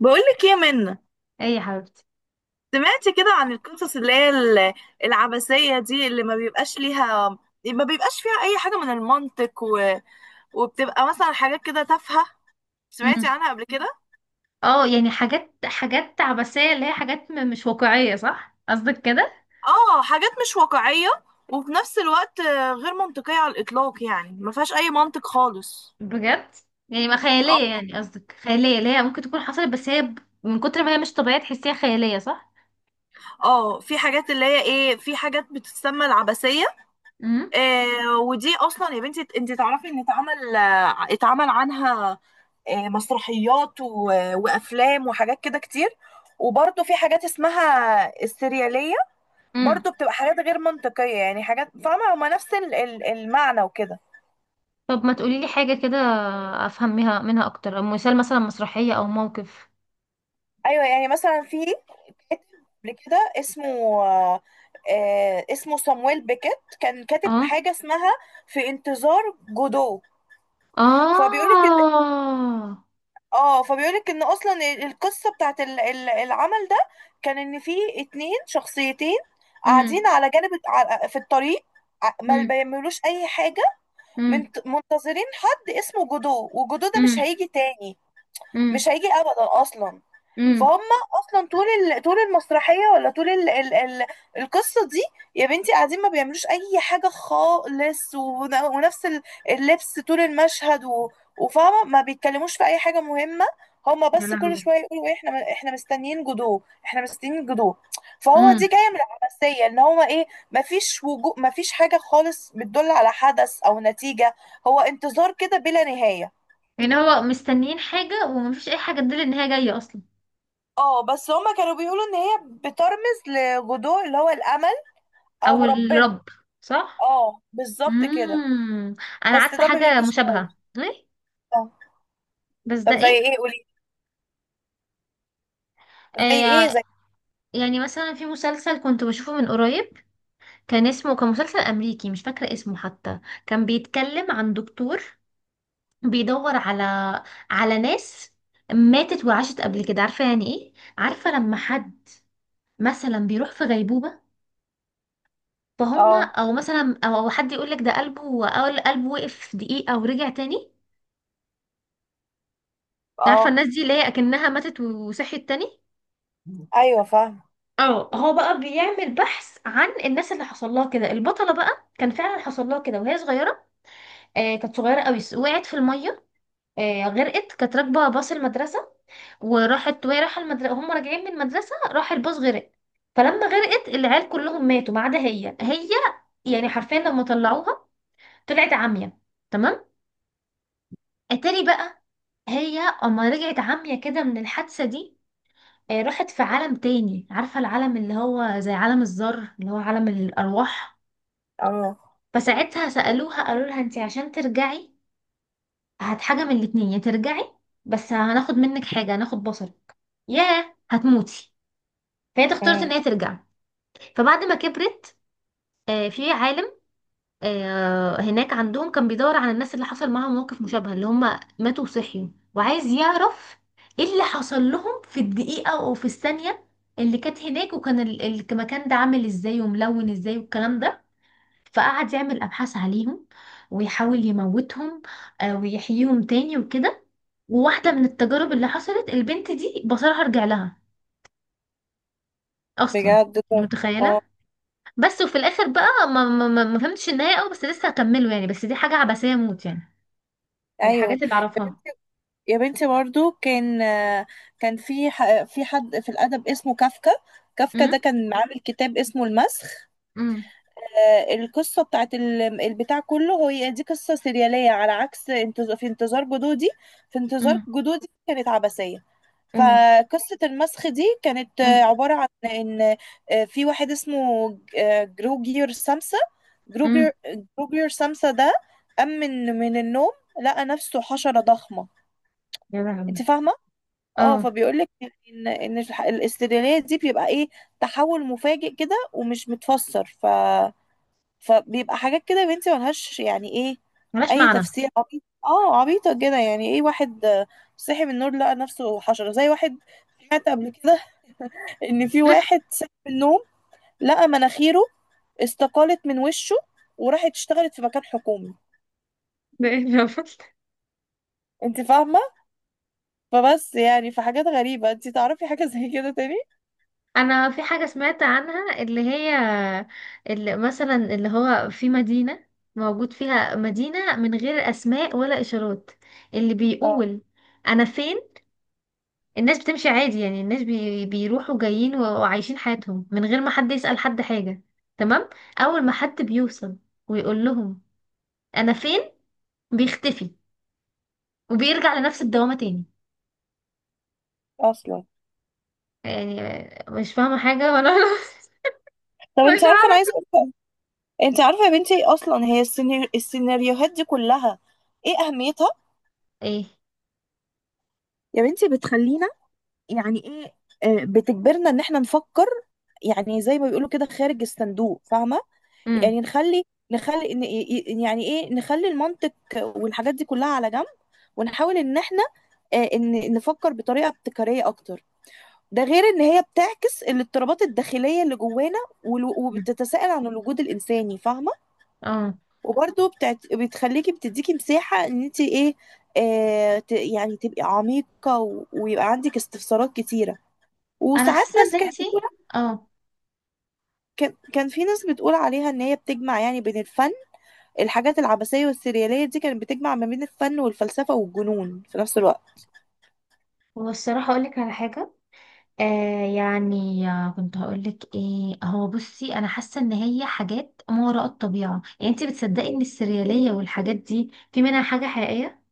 بقولك ايه منا، ايه يا حبيبتي؟ سمعتي كده عن القصص اللي هي العبثية دي، اللي ما بيبقاش فيها أي حاجة من المنطق وبتبقى مثلا حاجات كده تافهة. سمعتي امم. عنها قبل كده؟ اه، يعني حاجات عبثية، اللي هي حاجات مش واقعية، صح؟ قصدك كده؟ اه، حاجات مش واقعية، وفي نفس الوقت غير منطقية على الإطلاق، يعني ما فيهاش أي منطق خالص. بجد؟ يعني ما خيالية، اه. يعني قصدك خيالية اللي هي ممكن تكون حصلت، بس هي من كتر ما هي مش طبيعية تحسيها خيالية، صح؟ في حاجات اللي هي ايه في حاجات بتتسمى العبثية. امم. ودي أصلا يا بنتي، انت تعرفي ان اتعمل عنها مسرحيات وافلام وحاجات كده كتير. وبرضه في حاجات اسمها السرياليه، امم. برضه بتبقى حاجات غير منطقيه، يعني حاجات، فاهمه، هما نفس المعنى وكده. طب ما تقولي لي حاجة كده افهمها منها اكتر، أو مثال، مثلا مسرحية او موقف. ايوه يعني مثلا في كاتب قبل كده اسمه آه، آه، اسمه صامويل بيكيت، كان كاتب اه. حاجه اسمها في انتظار جودو. فبيقول اه. اه فبيقولك ان اصلا القصه بتاعت العمل ده كان ان في اتنين شخصيتين امم. قاعدين على جانب في الطريق، ما امم. بيعملوش اي حاجه، امم. منتظرين حد اسمه جودو، وجودو ده مش هيجي تاني، امم. مش هيجي ابدا اصلا. امم. فهم، اصلا طول طول المسرحيه، ولا طول القصه دي، يا بنتي، قاعدين ما بيعملوش اي حاجه خالص، ونفس اللبس طول المشهد وفاهمه ما بيتكلموش في اي حاجه مهمه. هما يا بس كل لهوي! شويه يقولوا إيه، احنا مستنيين جدو، احنا مستنيين جدو. فهو دي جايه من العباسيه، ان هو ايه، ما فيش حاجه خالص بتدل على حدث او نتيجه، هو انتظار كده بلا نهايه. يعني هو مستنيين حاجة ومفيش أي حاجة تدل إن هي جاية أصلا؟ اه، بس هما كانوا بيقولوا ان هي بترمز لجذور، اللي هو الامل، أو او ربنا. الرب، صح؟ اه، بالظبط كده. مم. أنا بس عارفة ده ما حاجة بيجيش مشابهة، خالص. إيه؟ آه. بس ده طب زي إيه؟ ايه؟ قولي زي ايه، آه. يعني مثلا في مسلسل كنت بشوفه من قريب، كان مسلسل أمريكي مش فاكرة اسمه حتى. كان بيتكلم عن دكتور بيدور على ناس ماتت وعاشت قبل كده، عارفة يعني إيه؟ عارفة لما حد مثلا بيروح في غيبوبة، فهم اه، او مثلا أو حد يقول لك ده قلبه، اول قلبه وقف دقيقة ورجع تاني. عارفة اه، الناس دي اللي هي اكنها ماتت وصحيت تاني. ايوه، فاهم، اه، هو بقى بيعمل بحث عن الناس اللي حصل لها كده. البطلة بقى كان فعلا حصل لها كده وهي صغيرة. آه، كانت صغيرة قوي، وقعت في المية. آه، غرقت، كانت راكبة باص المدرسة، وراحت وهي رايحة المدرسة، هم راجعين من المدرسة راح الباص غرق. فلما غرقت العيال كلهم ماتوا ما عدا هي. يعني حرفيا لما طلعوها طلعت عامية، تمام؟ اتاري بقى هي اما رجعت عمية كده من الحادثة دي، راحت في عالم تاني. عارفة العالم اللي هو زي عالم الذر، اللي هو عالم الأرواح. اه، فساعتها سألوها، قالوا لها انتي عشان ترجعي هات حاجة من الاتنين، يا ترجعي بس هناخد منك حاجة، هناخد بصرك، يا هتموتي. فهي اختارت ان أمم. هي ترجع. فبعد ما كبرت، في عالم، هناك عندهم كان بيدور على الناس اللي حصل معاهم موقف مشابه، اللي هم ماتوا وصحيوا. وعايز يعرف ايه اللي حصل لهم في الدقيقة او في الثانية اللي كانت هناك، المكان ده عامل ازاي وملون ازاي والكلام ده. فقعد يعمل ابحاث عليهم ويحاول يموتهم، ويحييهم تاني وكده. وواحدة من التجارب اللي حصلت، البنت دي بصرها رجع لها اصلا. بجد أنت طب؟ اه، متخيلة؟ بس وفي الاخر بقى ما فهمتش النهاية قوي، بس لسه هكمله يعني. بس دي حاجة عبثية موت يعني، من ايوه. الحاجات اللي يا اعرفها. بنتي، يا بنتي، برضو كان في في حد في الادب اسمه كافكا، كافكا امم. ده كان عامل كتاب اسمه المسخ. امم. القصة بتاعت البتاع كله، هي دي قصة سريالية على عكس في انتظار جدودي، في انتظار امم. جدودي كانت عبثية. امم. فقصة المسخ دي كانت امم. عبارة عن ان في واحد اسمه أمم. جروجير جروجير سامسا ده، قام من النوم، لقى نفسه حشرة ضخمة. يا لهوي! انت فاهمة؟ اه، اه، فبيقول لك ان الاستريالية دي بيبقى ايه، تحول مفاجئ كده ومش متفسر. فبيبقى حاجات كده يا بنتي ملهاش، يعني ايه، ملهاش اي معنى. تفسير. عبيط، عبيطة كده، يعني ايه، واحد صحي من النور لقى نفسه حشرة، زي واحد سمعت قبل كده ان في واحد صحي من النوم، لقى مناخيره استقالت من وشه وراحت اشتغلت في مكان حكومي. ده ايه الرفض؟ انت فاهمة؟ فبس يعني في حاجات غريبة. انت تعرفي حاجة زي كده تاني؟ انا في حاجه سمعت عنها، اللي هي اللي مثلا اللي هو في مدينه موجود فيها مدينه من غير اسماء ولا اشارات، اللي اه، بيقول انا فين. الناس بتمشي عادي، يعني الناس بيروحوا جايين وعايشين حياتهم من غير ما حد يسأل حد حاجه، تمام؟ اول ما حد بيوصل ويقول لهم انا فين، بيختفي وبيرجع لنفس الدوامة تاني. اصلا. يعني مش فاهمة حاجة ولا طب، مش انت عارفة، انا عارفة عايزة اقول، انت عارفة يا بنتي، اصلا هي السيناريوهات دي كلها ايه اهميتها؟ ايه. يا بنتي بتخلينا، يعني ايه، بتجبرنا ان احنا نفكر، يعني زي ما بيقولوا كده خارج الصندوق، فاهمه. امم. يعني نخلي نخلي إن- ي- ي- يعني ايه، نخلي المنطق والحاجات دي كلها على جنب، ونحاول ان احنا، ان نفكر بطريقه ابتكاريه اكتر. ده غير ان هي بتعكس الاضطرابات الداخليه اللي جوانا، مم. وبتتساءل عن الوجود الانساني، فاهمه. اه، وبرده بتعت... بتخليكي بتديكي مساحه ان انت ايه، يعني تبقي عميقه ويبقى عندك استفسارات كتيره. انا وساعات حاسة ان ناس كانت انتي... بتقول، اه، كان في ناس بتقول عليها ان هي بتجمع يعني بين الفن الحاجات العبثية والسريالية دي كانت بتجمع ما بين الفن والفلسفة والجنون في نفس الوقت. هو الصراحة اقولك على حاجة، يعني كنت هقولك ايه؟ هو بصي، انا حاسة ان هي حاجات ما وراء الطبيعة. يعني انتي بتصدقي ان السريالية والحاجات دي في منها حاجة حقيقية؟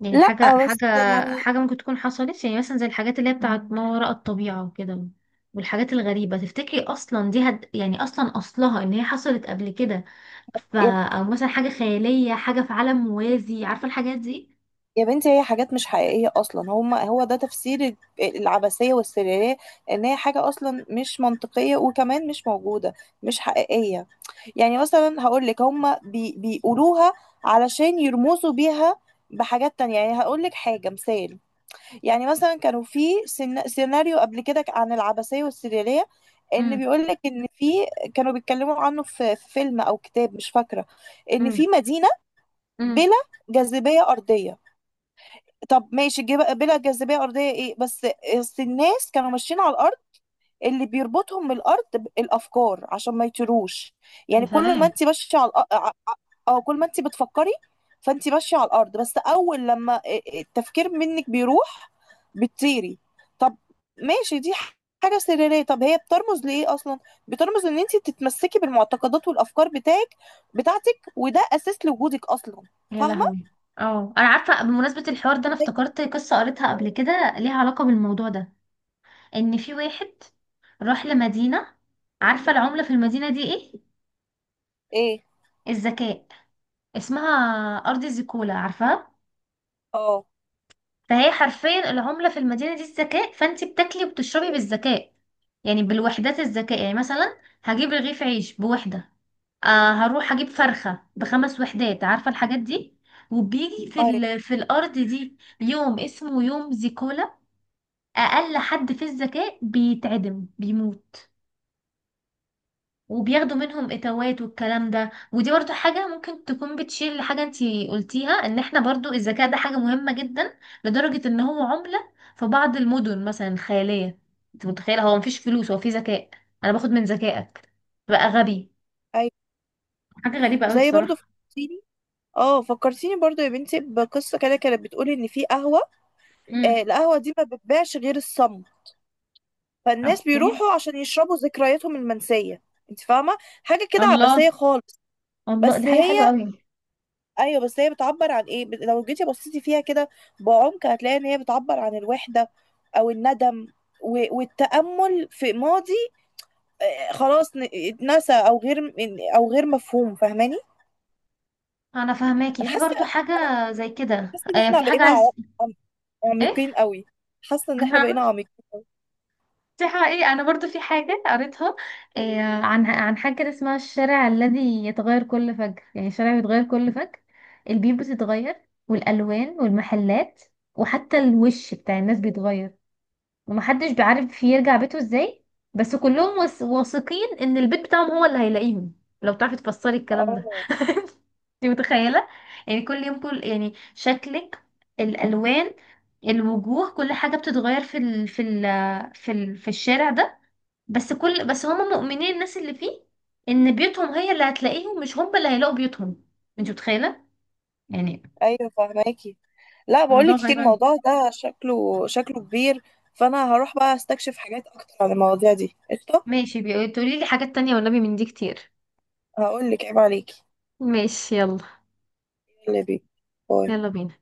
يعني حاجة لا بس حاجة يعني، حاجة ممكن تكون حصلت، يعني مثلا زي الحاجات اللي هي بتاعت ما وراء الطبيعة وكده، والحاجات الغريبة، تفتكري أصلا دي يعني أصلا أصلها إن هي حصلت قبل كده؟ يا أو مثلا حاجة خيالية، حاجة في عالم موازي، عارفة الحاجات دي؟ يا بنتي، هي حاجات مش حقيقية أصلا، هو ده تفسير العبثية والسريالية، إن هي حاجة أصلا مش منطقية، وكمان مش موجودة، مش حقيقية. يعني مثلا هقولك، هما بيقولوها علشان يرمزوا بيها بحاجات تانية. يعني هقولك حاجة مثال. يعني مثلا كانوا في سيناريو قبل كده عن العبثية والسريالية، ان امم. بيقول لك ان في، كانوا بيتكلموا عنه في في فيلم او كتاب، مش فاكرة، ان امم. في مدينة امم. بلا جاذبية أرضية. طب ماشي، بلا جاذبية أرضية ايه بس؟ أصل الناس كانوا ماشيين على الأرض، اللي بيربطهم بالارض الافكار، عشان ما يطيروش. يا يعني كل ما سلام! انت ماشيه على الأ- ع- ع- اه كل ما انت بتفكري، فانت ماشيه على الارض، بس اول لما التفكير منك بيروح، بتطيري. طب ماشي، دي حاجه سريريه. طب هي بترمز لايه اصلا؟ بترمز ان انت تتمسكي بالمعتقدات والافكار بتاعتك، وده اساس لوجودك اصلا، يا فاهمه. لهوي! اه، انا عارفه بمناسبه الحوار ده، انا زي- افتكرت قصه قريتها قبل كده ليها علاقه بالموضوع ده. ان في واحد راح لمدينه، عارفه العمله في المدينه دي ايه؟ ايه، الذكاء. اسمها ارض زيكولا، عارفاها؟ اه، فهي حرفيا العمله في المدينه دي الذكاء، فانت بتاكلي وبتشربي بالذكاء، يعني بالوحدات الذكاء. يعني مثلا هجيب رغيف عيش بوحده، هروح اجيب فرخه بخمس وحدات، عارفه الحاجات دي؟ وبيجي في ايوه، في الارض دي يوم اسمه يوم زيكولا. اقل حد في الذكاء بيتعدم بيموت، وبياخدوا منهم اتوات والكلام ده. ودي برضو حاجة ممكن تكون بتشير لحاجة انتي قلتيها، ان احنا برضو الذكاء ده حاجة مهمة جدا لدرجة ان هو عملة في بعض المدن مثلا الخيالية. انت متخيلة؟ هو مفيش فلوس، هو في ذكاء. انا باخد من ذكائك بقى غبي. ايوه. حاجة غريبة قوي زي برضو الصراحة. في اه فكرتيني برضو يا بنتي بقصة كده، كانت بتقول ان في قهوة، امم. القهوة دي ما بتبيعش غير الصم، فالناس اوكي. بيروحوا عشان يشربوا ذكرياتهم المنسية. انت فاهمة؟ حاجة كده الله. عبثية خالص. الله، دي بس حاجة حلوة هي قوي. ايوه، بس هي بتعبر عن ايه، لو جيتي بصيتي فيها كده بعمق، هتلاقي ان هي بتعبر عن الوحدة، او الندم، والتأمل في ماضي خلاص اتنسى، او غير مفهوم، فاهماني؟ انا فهماكي. انا في برضو حاسة حاجة زي كده، حاسة ان احنا في حاجة بقينا عايز... عم- ايه؟ عميقين قوي، حاسة ان احنا بقينا عميقين. دي حقيقة. أنا برضو في حاجة قريتها، عن حاجة كده اسمها الشارع الذي يتغير كل فجر. يعني الشارع بيتغير كل فجر، البيوت بتتغير، والألوان والمحلات، وحتى الوش بتاع الناس بيتغير، ومحدش بيعرف يرجع بيته ازاي. بس كلهم واثقين ان البيت بتاعهم هو اللي هيلاقيهم. لو تعرفي تفسري الكلام ده. اه، انت متخيلة؟ يعني كل يوم، كل يعني شكلك، الألوان، الوجوه، كل حاجة بتتغير في في الشارع ده. بس هم مؤمنين الناس اللي فيه، ان بيوتهم هي اللي هتلاقيهم مش هم اللي هيلاقوا بيوتهم. انت متخيله؟ يعني... ايوه فهماكي. لا، موضوع بقولك إيه، غريب أوي. الموضوع ده شكله كبير، فانا هروح بقى استكشف حاجات اكتر عن المواضيع دي، قشطه. ماشي، بيقولي لي حاجات تانية والنبي، من دي كتير. هقولك عيب عليكي، ماشي، يلا. اللي بيه. باي. يلا بينا.